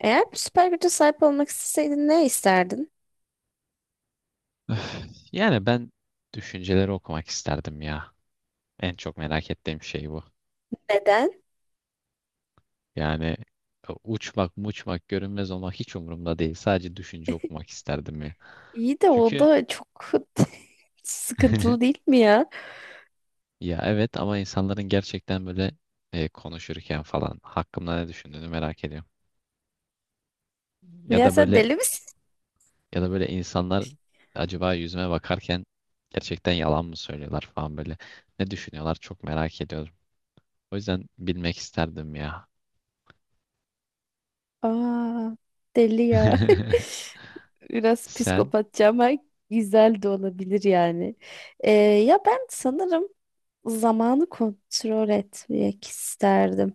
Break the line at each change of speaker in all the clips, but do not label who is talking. Eğer bir süper güce sahip olmak isteseydin ne isterdin?
Öf, ben düşünceleri okumak isterdim ya. En çok merak ettiğim şey bu.
Neden?
Yani uçmak, muçmak, görünmez olmak hiç umurumda değil. Sadece düşünce okumak isterdim ya.
İyi de o
Çünkü
da çok sıkıntılı değil mi ya?
ya evet ama insanların gerçekten böyle konuşurken falan hakkımda ne düşündüğünü merak ediyorum. Ya
Ya
da
sen deli
böyle
misin?
ya da böyle insanlar acaba yüzüme bakarken gerçekten yalan mı söylüyorlar falan böyle. Ne düşünüyorlar çok merak ediyorum. O yüzden bilmek isterdim ya.
Aa, deli ya. Biraz
Sen?
psikopatça ama güzel de olabilir yani. Ya ben sanırım zamanı kontrol etmek isterdim.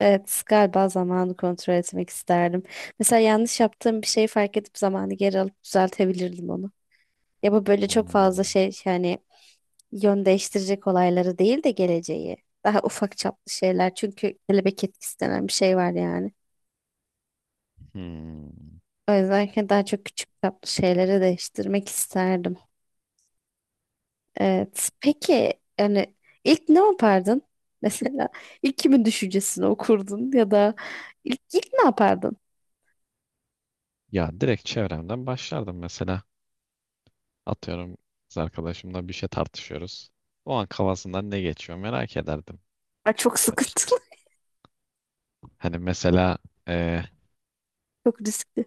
Evet, galiba zamanı kontrol etmek isterdim. Mesela yanlış yaptığım bir şeyi fark edip zamanı geri alıp düzeltebilirdim onu. Ya bu böyle çok fazla
Hmm,
şey yani yön değiştirecek olayları değil de geleceği. Daha ufak çaplı şeyler. Çünkü kelebek etkisi denen bir şey var yani.
hmm.
O yüzden ki daha çok küçük çaplı şeyleri değiştirmek isterdim. Evet. Peki yani ilk ne yapardın? Mesela ilk kimin düşüncesini okurdun ya da ilk ne yapardın?
Ya direkt çevremden başlardım mesela. Atıyorum kız arkadaşımla bir şey tartışıyoruz. O an kafasından ne geçiyor merak ederdim.
Ay, çok sıkıntılı,
Hani mesela e,
çok riskli.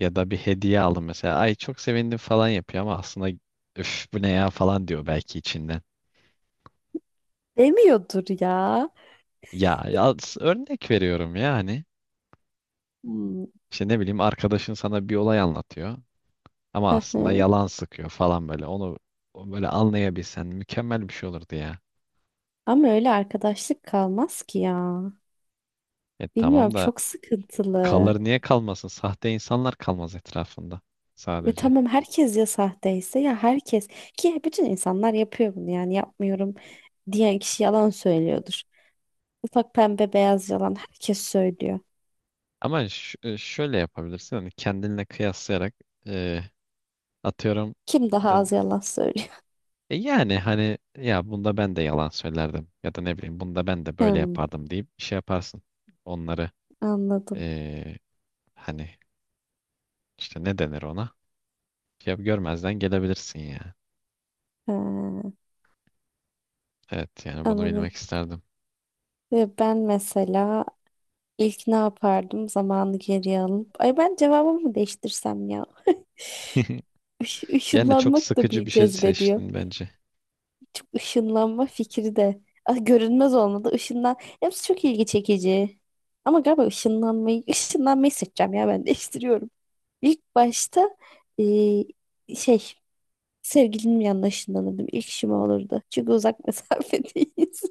ya da bir hediye aldım mesela. Ay çok sevindim falan yapıyor ama aslında üf bu ne ya falan diyor belki içinden.
Demiyordur ya.
Örnek veriyorum yani.
Hmm.
İşte ne bileyim arkadaşın sana bir olay anlatıyor ama aslında yalan sıkıyor falan böyle. Onu böyle anlayabilsen mükemmel bir şey olurdu ya.
Ama öyle arkadaşlık kalmaz ki ya.
E
Bilmiyorum
tamam da
çok sıkıntılı.
kalır niye kalmasın? Sahte insanlar kalmaz etrafında
Ve
sadece.
tamam herkes ya sahteyse ya herkes ki bütün insanlar yapıyor bunu yani yapmıyorum diyen kişi yalan söylüyordur. Ufak pembe beyaz yalan herkes söylüyor.
Ama şöyle yapabilirsin hani kendinle kıyaslayarak e, atıyorum
Kim daha
e,
az yalan söylüyor?
yani hani ya bunda ben de yalan söylerdim ya da ne bileyim bunda ben de böyle
Hmm,
yapardım deyip şey yaparsın. Onları
anladım.
e, hani işte ne denir ona? Ya görmezden gelebilirsin ya.
Ha,
Evet yani bunu bilmek
anladım.
isterdim.
Ve ben mesela ilk ne yapardım zamanı geriye alıp. Ay ben cevabımı değiştirsem ya.
Yani çok
Işınlanmak da
sıkıcı
bir
bir şey
cezbediyor.
seçtin bence.
Çok ışınlanma fikri de. Ah, görünmez olmadı. Işınlan. Hepsi çok ilgi çekici. Ama galiba ışınlanmayı seçeceğim ya ben değiştiriyorum. İlk başta eee, şey sevgilimin yanına ışınlanırdım. İlk işim o olurdu. Çünkü uzak mesafedeyiz.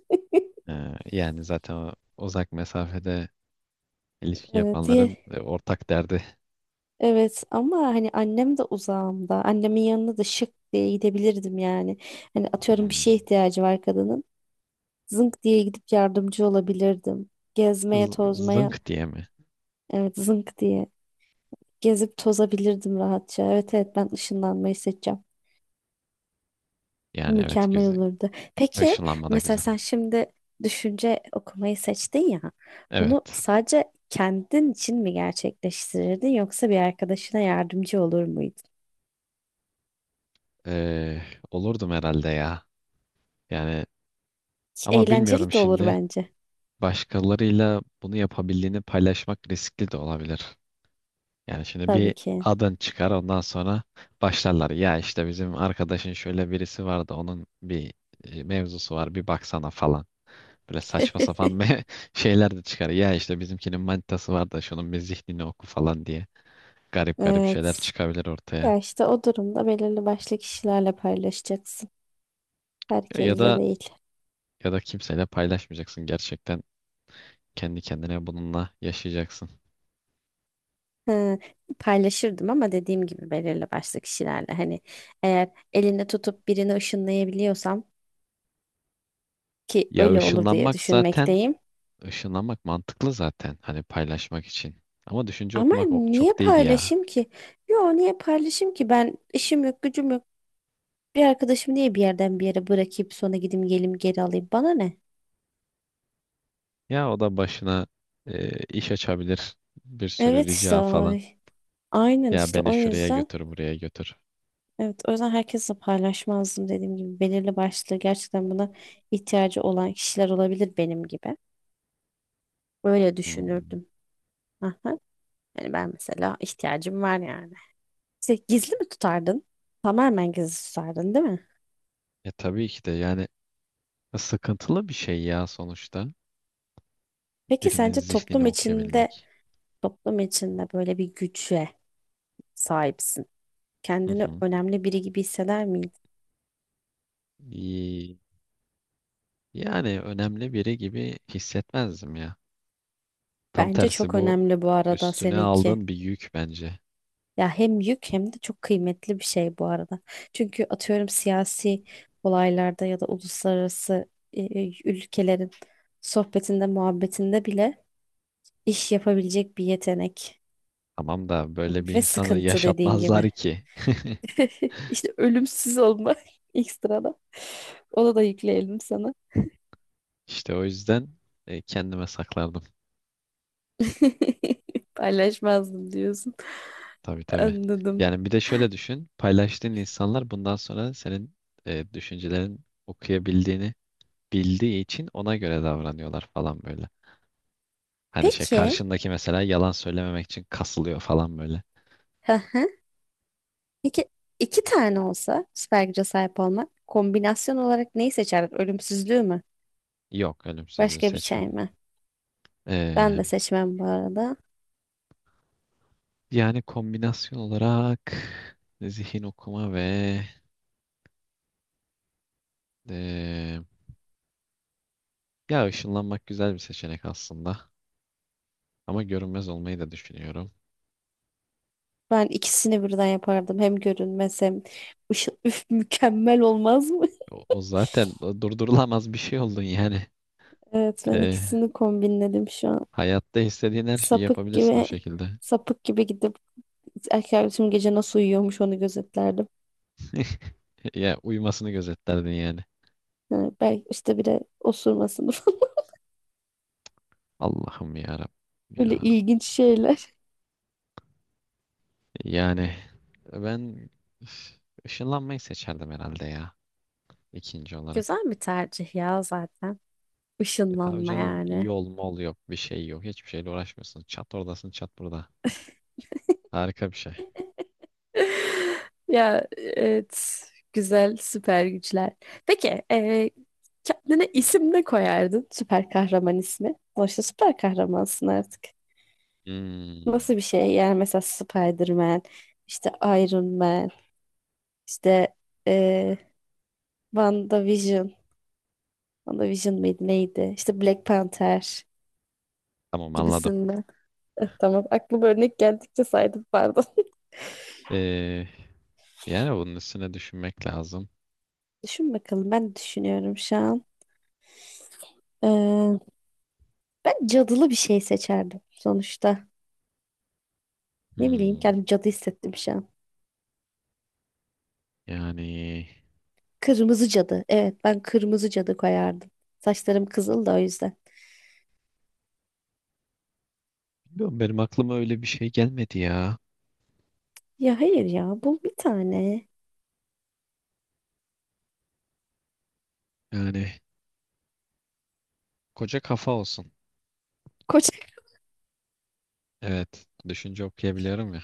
Yani zaten uzak mesafede İlişki
Evet,
yapanların
diye.
ortak derdi.
Evet ama hani annem de uzağımda. Annemin yanına da şık diye gidebilirdim yani. Hani atıyorum bir
Hmm.
şeye ihtiyacı var kadının. Zınk diye gidip yardımcı olabilirdim. Gezmeye,
Z-
tozmaya.
Zınk diye mi?
Evet zınk diye. Gezip tozabilirdim rahatça. Evet evet ben ışınlanmayı seçeceğim.
Yani evet
Mükemmel
güzel.
olurdu. Peki
Işınlanma da
mesela
güzel.
sen şimdi düşünce okumayı seçtin ya. Bunu
Evet.
sadece kendin için mi gerçekleştirirdin yoksa bir arkadaşına yardımcı olur muydun?
Ee, olurdum herhalde ya. Yani ama
Eğlenceli
bilmiyorum
de olur
şimdi.
bence.
Başkalarıyla bunu yapabildiğini paylaşmak riskli de olabilir. Yani şimdi
Tabii
bir
ki.
adın çıkar ondan sonra başlarlar. Ya işte bizim arkadaşın şöyle birisi vardı onun bir mevzusu var bir baksana falan. Böyle saçma sapan bir şeyler de çıkar. Ya işte bizimkinin manitası var da şunun bir zihnini oku falan diye. Garip garip
Evet.
şeyler çıkabilir ortaya.
Ya işte o durumda belirli başlı kişilerle paylaşacaksın.
Ya ya
Herkesle
da
değil.
ya da kimseyle paylaşmayacaksın gerçekten. Kendi kendine bununla yaşayacaksın.
Hı, paylaşırdım ama dediğim gibi belirli başlı kişilerle hani eğer elinde tutup birini ışınlayabiliyorsam ki
Ya
öyle olur diye
ışınlanmak zaten
düşünmekteyim.
ışınlanmak mantıklı zaten hani paylaşmak için. Ama düşünce
Ama
okumak
niye
çok değil ya.
paylaşayım ki? Yo niye paylaşayım ki? Ben işim yok, gücüm yok. Bir arkadaşımı niye bir yerden bir yere bırakıp sonra gideyim gelim geri alayım? Bana ne?
Ya o da başına iş açabilir. Bir sürü
Evet işte
rica falan.
ay. Aynen
Ya
işte
beni
o
şuraya
yüzden
götür, buraya götür.
evet o yüzden herkesle paylaşmazdım dediğim gibi belirli başlı gerçekten buna ihtiyacı olan kişiler olabilir benim gibi. Böyle
Hmm.
düşünürdüm. Aha. Yani ben mesela ihtiyacım var yani. İşte gizli mi tutardın? Tamamen gizli tutardın, değil mi?
E tabii ki de yani, sıkıntılı bir şey ya sonuçta.
Peki
Birinin
sence
zihnini
toplum içinde
okuyabilmek.
toplum içinde böyle bir güce sahipsin.
Hı
Kendini
hı.
önemli biri gibi hisseder miydin?
İyi. Yani önemli biri gibi hissetmezdim ya. Tam
Bence
tersi
çok
bu
önemli bu arada
üstüne
seninki.
aldığın bir yük bence.
Ya hem yük hem de çok kıymetli bir şey bu arada. Çünkü atıyorum siyasi olaylarda ya da uluslararası ülkelerin sohbetinde, muhabbetinde bile iş yapabilecek bir yetenek
Tamam da böyle bir
ve
insanı
sıkıntı dediğin gibi.
yaşatmazlar ki.
İşte ölümsüz olma ekstrada. Onu da yükleyelim sana.
İşte o yüzden kendime saklardım.
Paylaşmazdım diyorsun.
Tabii tabii.
Anladım.
Yani bir de şöyle düşün. Paylaştığın insanlar bundan sonra senin düşüncelerin okuyabildiğini bildiği için ona göre davranıyorlar falan böyle. Hani şey
Peki.
karşındaki mesela yalan söylememek için kasılıyor falan böyle.
Hı hı. Peki iki tane olsa süper güce sahip olmak kombinasyon olarak neyi seçerdin? Ölümsüzlüğü mü?
Yok ölüm
Başka bir
seçmem.
şey mi? Ben
Ee,
de seçmem bu arada.
yani kombinasyon olarak zihin okuma ve ee, ya ışınlanmak güzel bir seçenek aslında. Ama görünmez olmayı da düşünüyorum.
Ben ikisini birden yapardım. Hem görünmez hem ışıl üf mükemmel olmaz mı?
O zaten o durdurulamaz bir şey oldun yani.
Evet ben
Ee,
ikisini kombinledim şu an.
hayatta istediğin her şeyi
Sapık
yapabilirsin o
gibi
şekilde.
sapık gibi gidip erkek arkadaşım gece nasıl uyuyormuş onu gözetlerdim.
Ya uyumasını gözetlerdin yani.
Yani belki işte bir de osurmasını falan.
Allah'ım ya Rabbim
Böyle
ya.
ilginç şeyler.
Yani ben üf, ışınlanmayı seçerdim herhalde ya ikinci olarak.
Güzel bir tercih ya zaten.
E tabii
Işınlanma
canım
yani.
yol mol yok bir şey yok hiçbir şeyle uğraşmıyorsun. Çat oradasın çat burada. Harika bir şey.
Ya evet. Güzel süper güçler. Peki kendine isim ne koyardın? Süper kahraman ismi. Sonuçta süper kahramansın artık.
Hmm,
Nasıl bir şey? Yani mesela Spider-Man, işte Iron Man, işte eee WandaVision. WandaVision mıydı neydi? İşte Black Panther
tamam anladım.
gibisinden. Tamam aklıma örnek geldikçe saydım pardon.
Ee, yani bunun üstüne düşünmek lazım.
Düşün bakalım ben düşünüyorum şu an. Ee, ben cadılı bir şey seçerdim sonuçta. Ne bileyim
Hmm,
kendimi cadı hissettim şu an.
yani
Kırmızı cadı. Evet ben kırmızı cadı koyardım. Saçlarım kızıl da o yüzden.
bilmiyorum benim aklıma öyle bir şey gelmedi ya.
Ya hayır ya bul bir tane.
Yani koca kafa olsun.
Koç.
Evet düşünce okuyabiliyorum ya.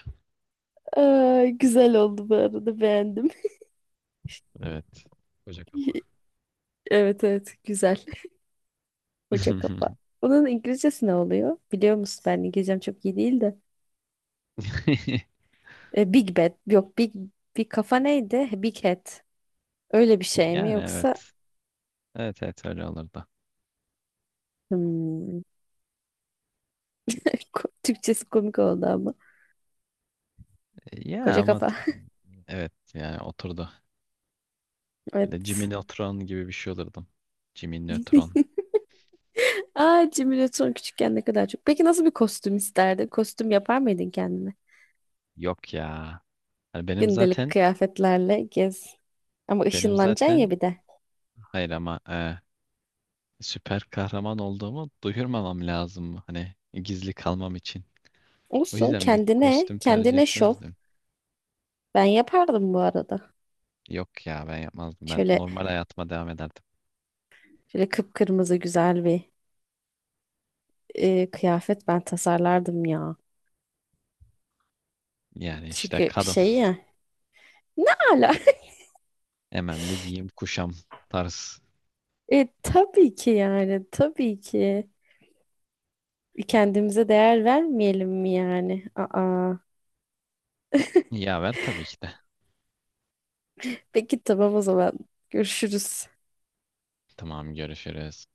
Aa, güzel oldu bu arada beğendim.
Evet koca kafa.
Evet evet güzel. Koca kafa. Bunun İngilizcesi ne oluyor? Biliyor musun ben İngilizcem çok iyi değil de. Big Bad yok Big bir kafa neydi? Big Head. Öyle bir şey mi
Yani
yoksa
evet. Evet, evet öyle olurdu.
hmm, Türkçesi komik oldu ama.
E, Ya
Koca
ama
kafa.
t- evet yani oturdu. Böyle Jimmy
Evet.
Neutron gibi bir şey olurdum. Jimmy Neutron.
Aa Jimmy Neutron küçükken ne kadar çok. Peki nasıl bir kostüm isterdin? Kostüm yapar mıydın kendine?
Yok ya. Hani benim
Gündelik
zaten
kıyafetlerle gez. Ama
benim
ışınlanacaksın ya
zaten
bir de.
hayır ama süper kahraman olduğumu duyurmamam lazım. Hani gizli kalmam için. O
Olsun
yüzden bir
kendine,
kostüm tercih
kendine şov.
etmezdim.
Ben yapardım bu arada.
Yok ya ben yapmazdım. Ben
Şöyle
normal hayatıma devam ederdim.
şöyle kıpkırmızı güzel bir kıyafet ben tasarlardım ya.
Yani işte
Çünkü
kadın
şey ya Ne ala?
hemen bir giyim kuşam tarz.
Tabii ki yani tabii ki. Kendimize değer vermeyelim mi yani? Aa.
Yaver tabii ki de.
Peki tamam o zaman. Görüşürüz.
Tamam, görüşürüz.